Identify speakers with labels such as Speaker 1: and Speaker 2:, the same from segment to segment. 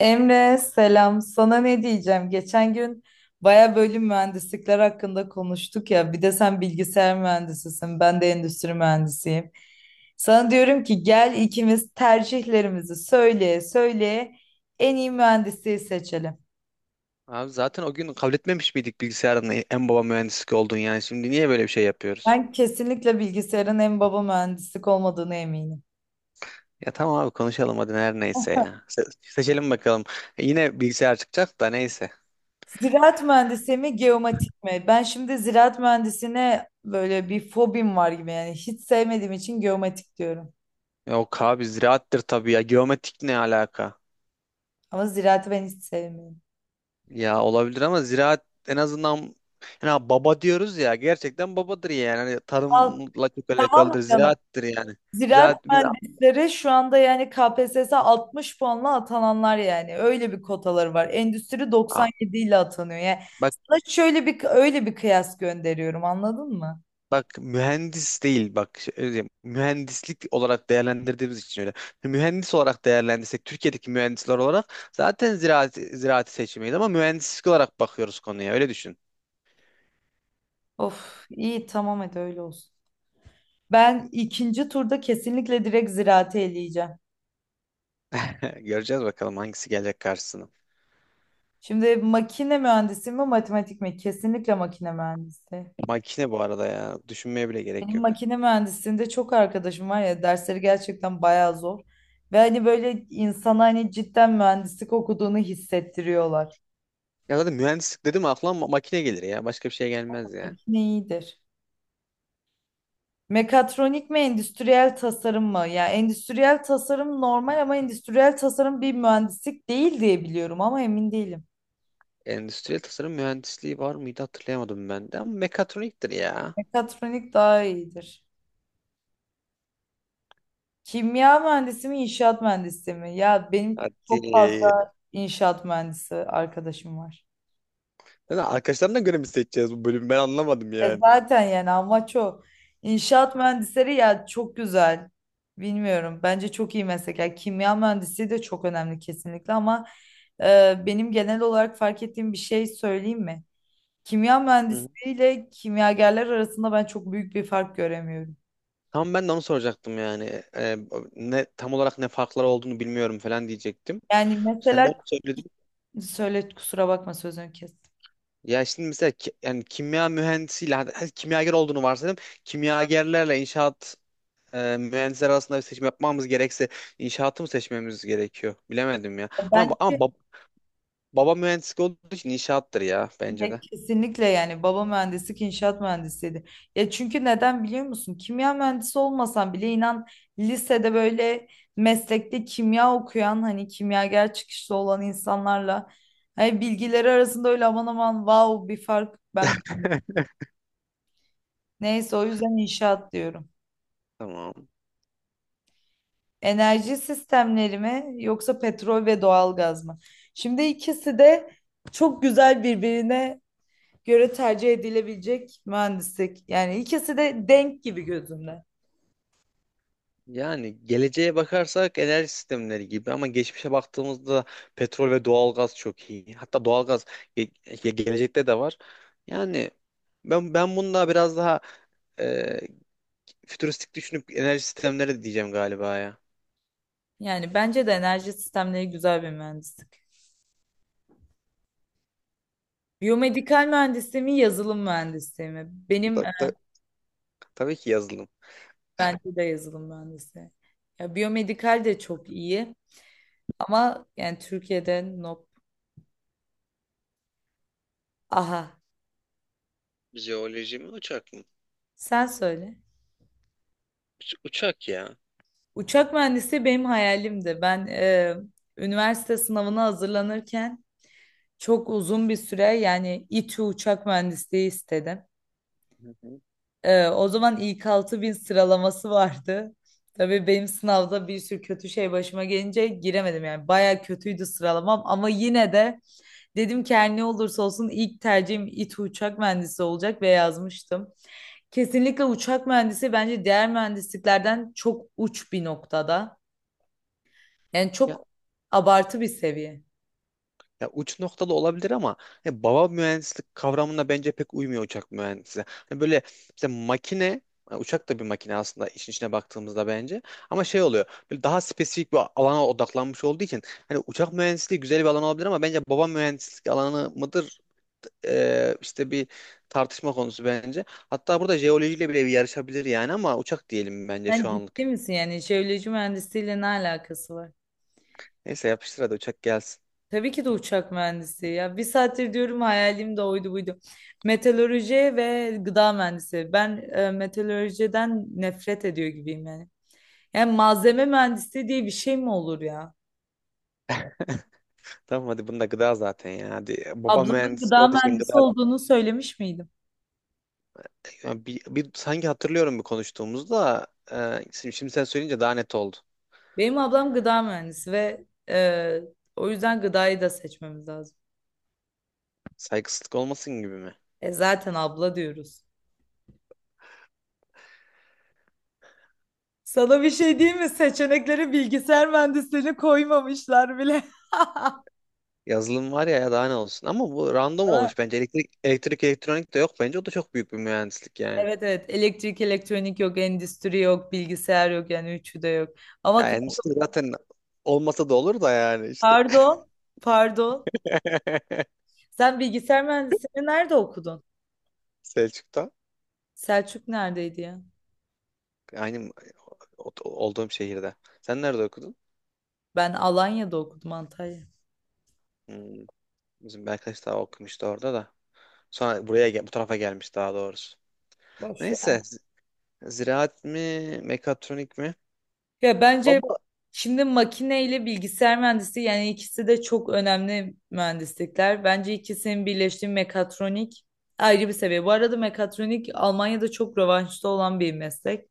Speaker 1: Emre selam. Sana ne diyeceğim? Geçen gün baya bölüm mühendislikler hakkında konuştuk ya. Bir de sen bilgisayar mühendisisin. Ben de endüstri mühendisiyim. Sana diyorum ki gel ikimiz tercihlerimizi söyleye söyleye en iyi mühendisliği seçelim.
Speaker 2: Abi zaten o gün kabul etmemiş miydik bilgisayarın en baba mühendislik olduğunu yani. Şimdi niye böyle bir şey yapıyoruz?
Speaker 1: Ben kesinlikle bilgisayarın en baba mühendislik olmadığını eminim.
Speaker 2: Ya tamam abi konuşalım hadi her neyse ya. Seçelim bakalım. Yine bilgisayar çıkacak da neyse.
Speaker 1: Ziraat mühendisi mi, geomatik mi? Ben şimdi ziraat mühendisine böyle bir fobim var gibi yani hiç sevmediğim için geomatik diyorum.
Speaker 2: Yok abi ziraattır tabii ya. Geometrik ne alaka?
Speaker 1: Ama ziraatı ben hiç sevmiyorum.
Speaker 2: Ya olabilir ama ziraat en azından yani baba diyoruz ya gerçekten babadır yani. Hani
Speaker 1: Al,
Speaker 2: tarımla çok
Speaker 1: tamam mı
Speaker 2: alakalıdır,
Speaker 1: canım?
Speaker 2: ziraattır yani. Biz,
Speaker 1: Ziraat
Speaker 2: biz,
Speaker 1: mühendisleri şu anda yani KPSS 60 puanla atananlar yani. Öyle bir kotaları var. Endüstri
Speaker 2: Aa,
Speaker 1: 97 ile atanıyor. Yani
Speaker 2: bak
Speaker 1: sana şöyle bir öyle bir kıyas gönderiyorum anladın mı?
Speaker 2: Bak mühendis değil, bak öyle diyeyim, mühendislik olarak değerlendirdiğimiz için öyle. Mühendis olarak değerlendirsek Türkiye'deki mühendisler olarak zaten ziraati seçmeyiz ama mühendislik olarak bakıyoruz konuya, öyle düşün.
Speaker 1: Of iyi tamam hadi öyle olsun. Ben ikinci turda kesinlikle direkt ziraate eleyeceğim.
Speaker 2: Göreceğiz bakalım hangisi gelecek karşısına.
Speaker 1: Şimdi makine mühendisi mi matematik mi? Kesinlikle makine mühendisi.
Speaker 2: Makine bu arada ya, düşünmeye bile gerek
Speaker 1: Benim
Speaker 2: yok.
Speaker 1: makine mühendisliğinde çok arkadaşım var ya dersleri gerçekten bayağı zor. Ve hani böyle insana hani cidden mühendislik okuduğunu hissettiriyorlar.
Speaker 2: Ya zaten mühendislik dedim, aklıma makine gelir ya, başka bir şey gelmez ya.
Speaker 1: Makine iyidir. Mekatronik mi endüstriyel tasarım mı? Ya endüstriyel tasarım normal ama endüstriyel tasarım bir mühendislik değil diye biliyorum ama emin değilim.
Speaker 2: Endüstriyel tasarım mühendisliği var mıydı, hatırlayamadım ben de, ama mekatroniktir ya.
Speaker 1: Mekatronik daha iyidir. Kimya mühendisi mi, inşaat mühendisi mi? Ya benim çok
Speaker 2: Hadi.
Speaker 1: fazla inşaat mühendisi arkadaşım var.
Speaker 2: Ya da arkadaşlarına göre mi seçeceğiz bu bölümü, ben anlamadım
Speaker 1: E
Speaker 2: yani.
Speaker 1: zaten yani amaç o. İnşaat mühendisleri ya çok güzel. Bilmiyorum. Bence çok iyi meslek. Yani kimya mühendisliği de çok önemli kesinlikle ama benim genel olarak fark ettiğim bir şey söyleyeyim mi? Kimya mühendisliği ile kimyagerler arasında ben çok büyük bir fark göremiyorum.
Speaker 2: Tam ben de onu soracaktım yani. Ne tam olarak ne farkları olduğunu bilmiyorum falan diyecektim.
Speaker 1: Yani
Speaker 2: Sen de
Speaker 1: mesela
Speaker 2: onu söyledin.
Speaker 1: söyle kusura bakma sözünü kes.
Speaker 2: Ya şimdi mesela yani kimya mühendisiyle hadi, hadi kimyager olduğunu varsayalım. Kimyagerlerle inşaat mühendisler arasında bir seçim yapmamız gerekse inşaatı mı seçmemiz gerekiyor? Bilemedim ya.
Speaker 1: Ben
Speaker 2: Ama baba mühendislik olduğu için inşaattır ya bence
Speaker 1: ya
Speaker 2: de.
Speaker 1: kesinlikle yani baba mühendislik inşaat mühendisiydi. Ya çünkü neden biliyor musun? Kimya mühendisi olmasan bile inan lisede böyle meslekte kimya okuyan hani kimyager çıkışlı olan insanlarla hani bilgileri arasında öyle aman aman wow bir fark ben neyse o yüzden inşaat diyorum.
Speaker 2: Tamam.
Speaker 1: Enerji sistemleri mi yoksa petrol ve doğalgaz mı? Şimdi ikisi de çok güzel birbirine göre tercih edilebilecek mühendislik. Yani ikisi de denk gibi gözümde.
Speaker 2: Yani geleceğe bakarsak enerji sistemleri gibi, ama geçmişe baktığımızda petrol ve doğalgaz çok iyi. Hatta doğalgaz gelecekte de var. Yani ben bununla biraz daha e, fütüristik düşünüp enerji sistemleri diyeceğim galiba ya.
Speaker 1: Yani bence de enerji sistemleri güzel bir mühendislik. Biyomedikal mühendisliği mi, yazılım mühendisliği mi?
Speaker 2: Ta- ta- tabii ki yazılım.
Speaker 1: Bence de yazılım mühendisliği. Ya, biyomedikal de çok iyi ama yani Türkiye'de nop. Aha,
Speaker 2: Jeoloji mi uçak mı?
Speaker 1: sen söyle.
Speaker 2: Uçak ya.
Speaker 1: Uçak mühendisi benim hayalimdi. Üniversite sınavına hazırlanırken çok uzun bir süre yani İTÜ uçak mühendisliği istedim.
Speaker 2: Hı hı.
Speaker 1: O zaman ilk 6.000 sıralaması vardı. Tabii benim sınavda bir sürü kötü şey başıma gelince giremedim yani. Baya kötüydü sıralamam ama yine de dedim ki her ne olursa olsun ilk tercihim İTÜ uçak mühendisi olacak ve yazmıştım. Kesinlikle uçak mühendisi bence diğer mühendisliklerden çok uç bir noktada. Yani çok abartı bir seviye.
Speaker 2: Ya uç noktalı olabilir ama hani baba mühendislik kavramına bence pek uymuyor uçak mühendisi. Hani böyle işte makine, yani uçak da bir makine aslında işin içine baktığımızda bence. Ama şey oluyor. Böyle daha spesifik bir alana odaklanmış olduğu için hani uçak mühendisliği güzel bir alan olabilir, ama bence baba mühendislik alanı mıdır? İşte bir tartışma konusu bence. Hatta burada jeolojiyle bile bir yarışabilir yani, ama uçak diyelim bence
Speaker 1: Sen
Speaker 2: şu
Speaker 1: ciddi
Speaker 2: anlık.
Speaker 1: misin yani jeoloji mühendisliğiyle ne alakası var?
Speaker 2: Neyse yapıştır hadi uçak gelsin.
Speaker 1: Tabii ki de uçak mühendisi. Ya bir saattir diyorum hayalim de oydu buydu. Meteoroloji ve gıda mühendisi. Meteorolojiden nefret ediyor gibiyim yani. Yani malzeme mühendisi diye bir şey mi olur ya?
Speaker 2: Tamam hadi bunda gıda zaten ya. Hadi baba
Speaker 1: Ablamın
Speaker 2: mühendisliği
Speaker 1: gıda
Speaker 2: o da, için gıda.
Speaker 1: mühendisi olduğunu söylemiş miydim?
Speaker 2: Ya bir, sanki hatırlıyorum bir konuştuğumuzda, şimdi sen söyleyince daha net oldu.
Speaker 1: Benim ablam gıda mühendisi ve o yüzden gıdayı da seçmemiz lazım.
Speaker 2: Saygısızlık olmasın gibi mi?
Speaker 1: E zaten abla diyoruz. Sana bir şey diyeyim mi? Seçeneklere bilgisayar mühendisliğini koymamışlar bile.
Speaker 2: Yazılım var ya, ya daha ne olsun. Ama bu random olmuş bence. Elektrik elektronik de yok bence. O da çok büyük bir mühendislik yani.
Speaker 1: Evet evet elektrik elektronik yok endüstri yok bilgisayar yok yani üçü de yok. Ama
Speaker 2: Ya
Speaker 1: k-
Speaker 2: endüstri zaten olmasa da olur da yani işte.
Speaker 1: pardon pardon sen bilgisayar mühendisliğini nerede okudun?
Speaker 2: Selçuk'ta.
Speaker 1: Selçuk neredeydi ya?
Speaker 2: Aynı olduğum şehirde. Sen nerede okudun?
Speaker 1: Ben Alanya'da okudum Antalya.
Speaker 2: Hmm, bizim bir arkadaş daha okumuştu orada da. Sonra buraya bu tarafa gelmiş, daha doğrusu.
Speaker 1: Boş
Speaker 2: Neyse.
Speaker 1: ver.
Speaker 2: Ziraat mi, mekatronik mi?
Speaker 1: Ya bence
Speaker 2: Baba.
Speaker 1: şimdi makine ile bilgisayar mühendisliği yani ikisi de çok önemli mühendislikler. Bence ikisinin birleştiği mekatronik ayrı bir seviye. Bu arada mekatronik Almanya'da çok revaçta olan bir meslek.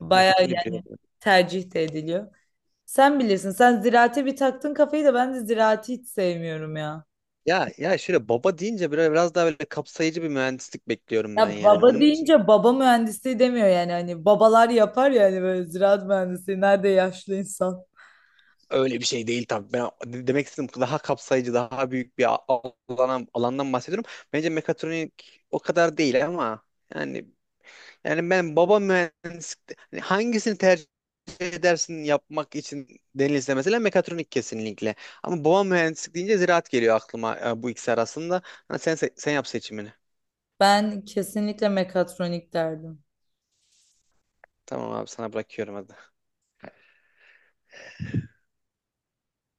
Speaker 1: Bayağı
Speaker 2: Mekatronik
Speaker 1: yani
Speaker 2: biliyorum.
Speaker 1: tercih de ediliyor. Sen bilirsin. Sen ziraate bir taktın kafayı da ben de ziraati hiç sevmiyorum ya.
Speaker 2: Ya ya şöyle baba deyince böyle biraz daha böyle kapsayıcı bir mühendislik bekliyorum ben
Speaker 1: Ya
Speaker 2: yani.
Speaker 1: baba
Speaker 2: Onun için
Speaker 1: deyince baba mühendisliği demiyor yani. Hani babalar yapar ya hani böyle ziraat mühendisliği. Nerede yaşlı insan?
Speaker 2: öyle bir şey değil tabii. Ben demek istedim daha kapsayıcı, daha büyük bir alandan bahsediyorum. Bence mekatronik o kadar değil ama yani yani ben baba mühendislik hani hangisini tercih edersin yapmak için denilse, mesela mekatronik kesinlikle. Ama baba mühendislik deyince ziraat geliyor aklıma, bu ikisi arasında. Ha, sen yap seçimini.
Speaker 1: Ben kesinlikle mekatronik derdim.
Speaker 2: Tamam abi, sana bırakıyorum hadi.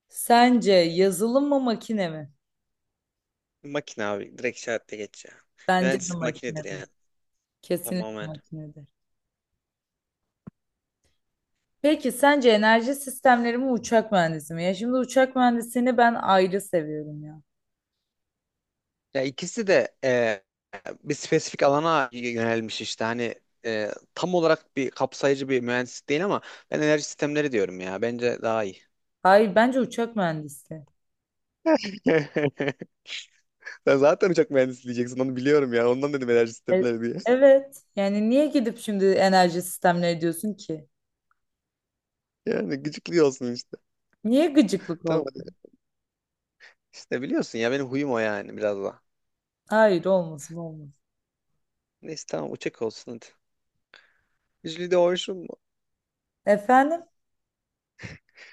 Speaker 1: Sence yazılım mı makine mi?
Speaker 2: Makine abi. Direkt işaretle geç ya.
Speaker 1: Bence de
Speaker 2: Mühendislik makinedir
Speaker 1: makinedir.
Speaker 2: yani.
Speaker 1: Kesinlikle
Speaker 2: Tamamen.
Speaker 1: makinedir. Peki sence enerji sistemleri mi uçak mühendisi mi? Ya şimdi uçak mühendisini ben ayrı seviyorum ya.
Speaker 2: Ya ikisi de bir spesifik alana yönelmiş işte hani e, tam olarak bir kapsayıcı bir mühendislik değil, ama ben enerji sistemleri diyorum ya, bence daha iyi.
Speaker 1: Hayır bence uçak mühendisi.
Speaker 2: Sen zaten uçak mühendisi diyeceksin onu biliyorum ya. Ondan dedim enerji
Speaker 1: E-
Speaker 2: sistemleri diye.
Speaker 1: evet. Yani niye gidip şimdi enerji sistemleri diyorsun ki?
Speaker 2: Yani gıcıklıyorsun işte.
Speaker 1: Niye gıcıklık oldu?
Speaker 2: Tamam hadi. İşte biliyorsun ya benim huyum o, yani biraz da.
Speaker 1: Hayır olmasın olmasın.
Speaker 2: Neyse tamam uçak olsun hadi. Jüli de olsun mu?
Speaker 1: Efendim?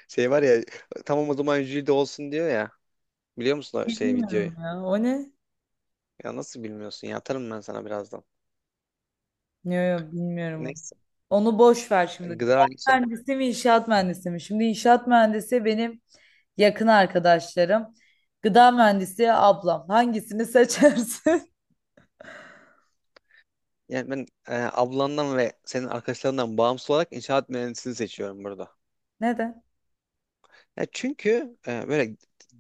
Speaker 2: Şey var ya, tamam o zaman jüri de olsun diyor ya. Biliyor musun o şey videoyu?
Speaker 1: Bilmiyorum ya. O ne?
Speaker 2: Ya nasıl bilmiyorsun ya? Atarım ben sana birazdan.
Speaker 1: Yok yok bilmiyorum onu.
Speaker 2: Neyse.
Speaker 1: Onu boş ver şimdi. Gıda
Speaker 2: Gıda inşaat.
Speaker 1: mühendisi mi inşaat mühendisi mi? Şimdi inşaat mühendisi benim yakın arkadaşlarım. Gıda mühendisi ablam. Hangisini seçersin?
Speaker 2: Yani ben, ablandan ve senin arkadaşlarından bağımsız olarak inşaat mühendisliğini seçiyorum burada.
Speaker 1: Neden?
Speaker 2: Ya çünkü böyle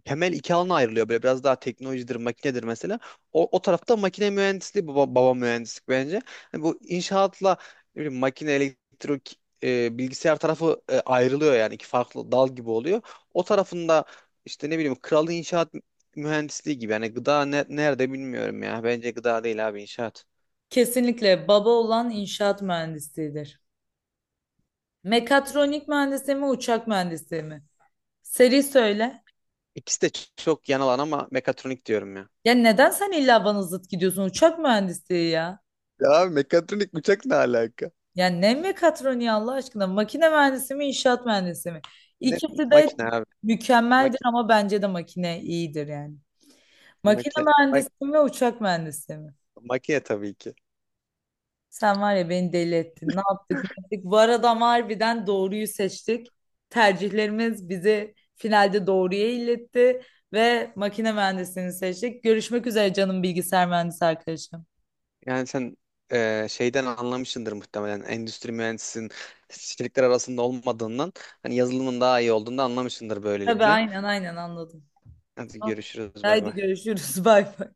Speaker 2: temel iki alana ayrılıyor. Böyle biraz daha teknolojidir, makinedir mesela. O tarafta makine mühendisliği, baba mühendislik bence. Hani bu inşaatla ne bileyim, makine, elektrik, bilgisayar tarafı ayrılıyor yani iki farklı dal gibi oluyor. O tarafında işte ne bileyim kralı inşaat mühendisliği gibi. Yani gıda nerede bilmiyorum ya. Bence gıda değil abi, inşaat.
Speaker 1: Kesinlikle baba olan inşaat mühendisidir. Mekatronik mühendisi mi, uçak mühendisi mi? Seri söyle.
Speaker 2: İkisi de çok yan alan, ama mekatronik diyorum ya.
Speaker 1: Ya neden sen illa bana zıt gidiyorsun? Uçak mühendisliği ya.
Speaker 2: Ya abi mekatronik uçak ne alaka?
Speaker 1: Ya ne mekatroniği Allah aşkına? Makine mühendisi mi, inşaat mühendisi mi?
Speaker 2: Ne
Speaker 1: İkisi de
Speaker 2: makine abi?
Speaker 1: mükemmeldir
Speaker 2: Makine,
Speaker 1: ama bence de makine iyidir yani. Makine
Speaker 2: makine.
Speaker 1: mühendisi mi, uçak mühendisi mi?
Speaker 2: Makine tabii ki.
Speaker 1: Sen var ya beni deli ettin. Ne yaptık ne ettik. Bu arada ama harbiden doğruyu seçtik. Tercihlerimiz bizi finalde doğruya iletti ve makine mühendisliğini seçtik. Görüşmek üzere canım bilgisayar mühendisi arkadaşım.
Speaker 2: Yani sen şeyden anlamışsındır muhtemelen. Endüstri mühendisinin şirketler arasında olmadığından, hani yazılımın daha iyi olduğunu da anlamışsındır
Speaker 1: Tabii
Speaker 2: böylelikle.
Speaker 1: aynen aynen anladım.
Speaker 2: Hadi görüşürüz. Bay
Speaker 1: Haydi
Speaker 2: bay.
Speaker 1: görüşürüz. Bay bay.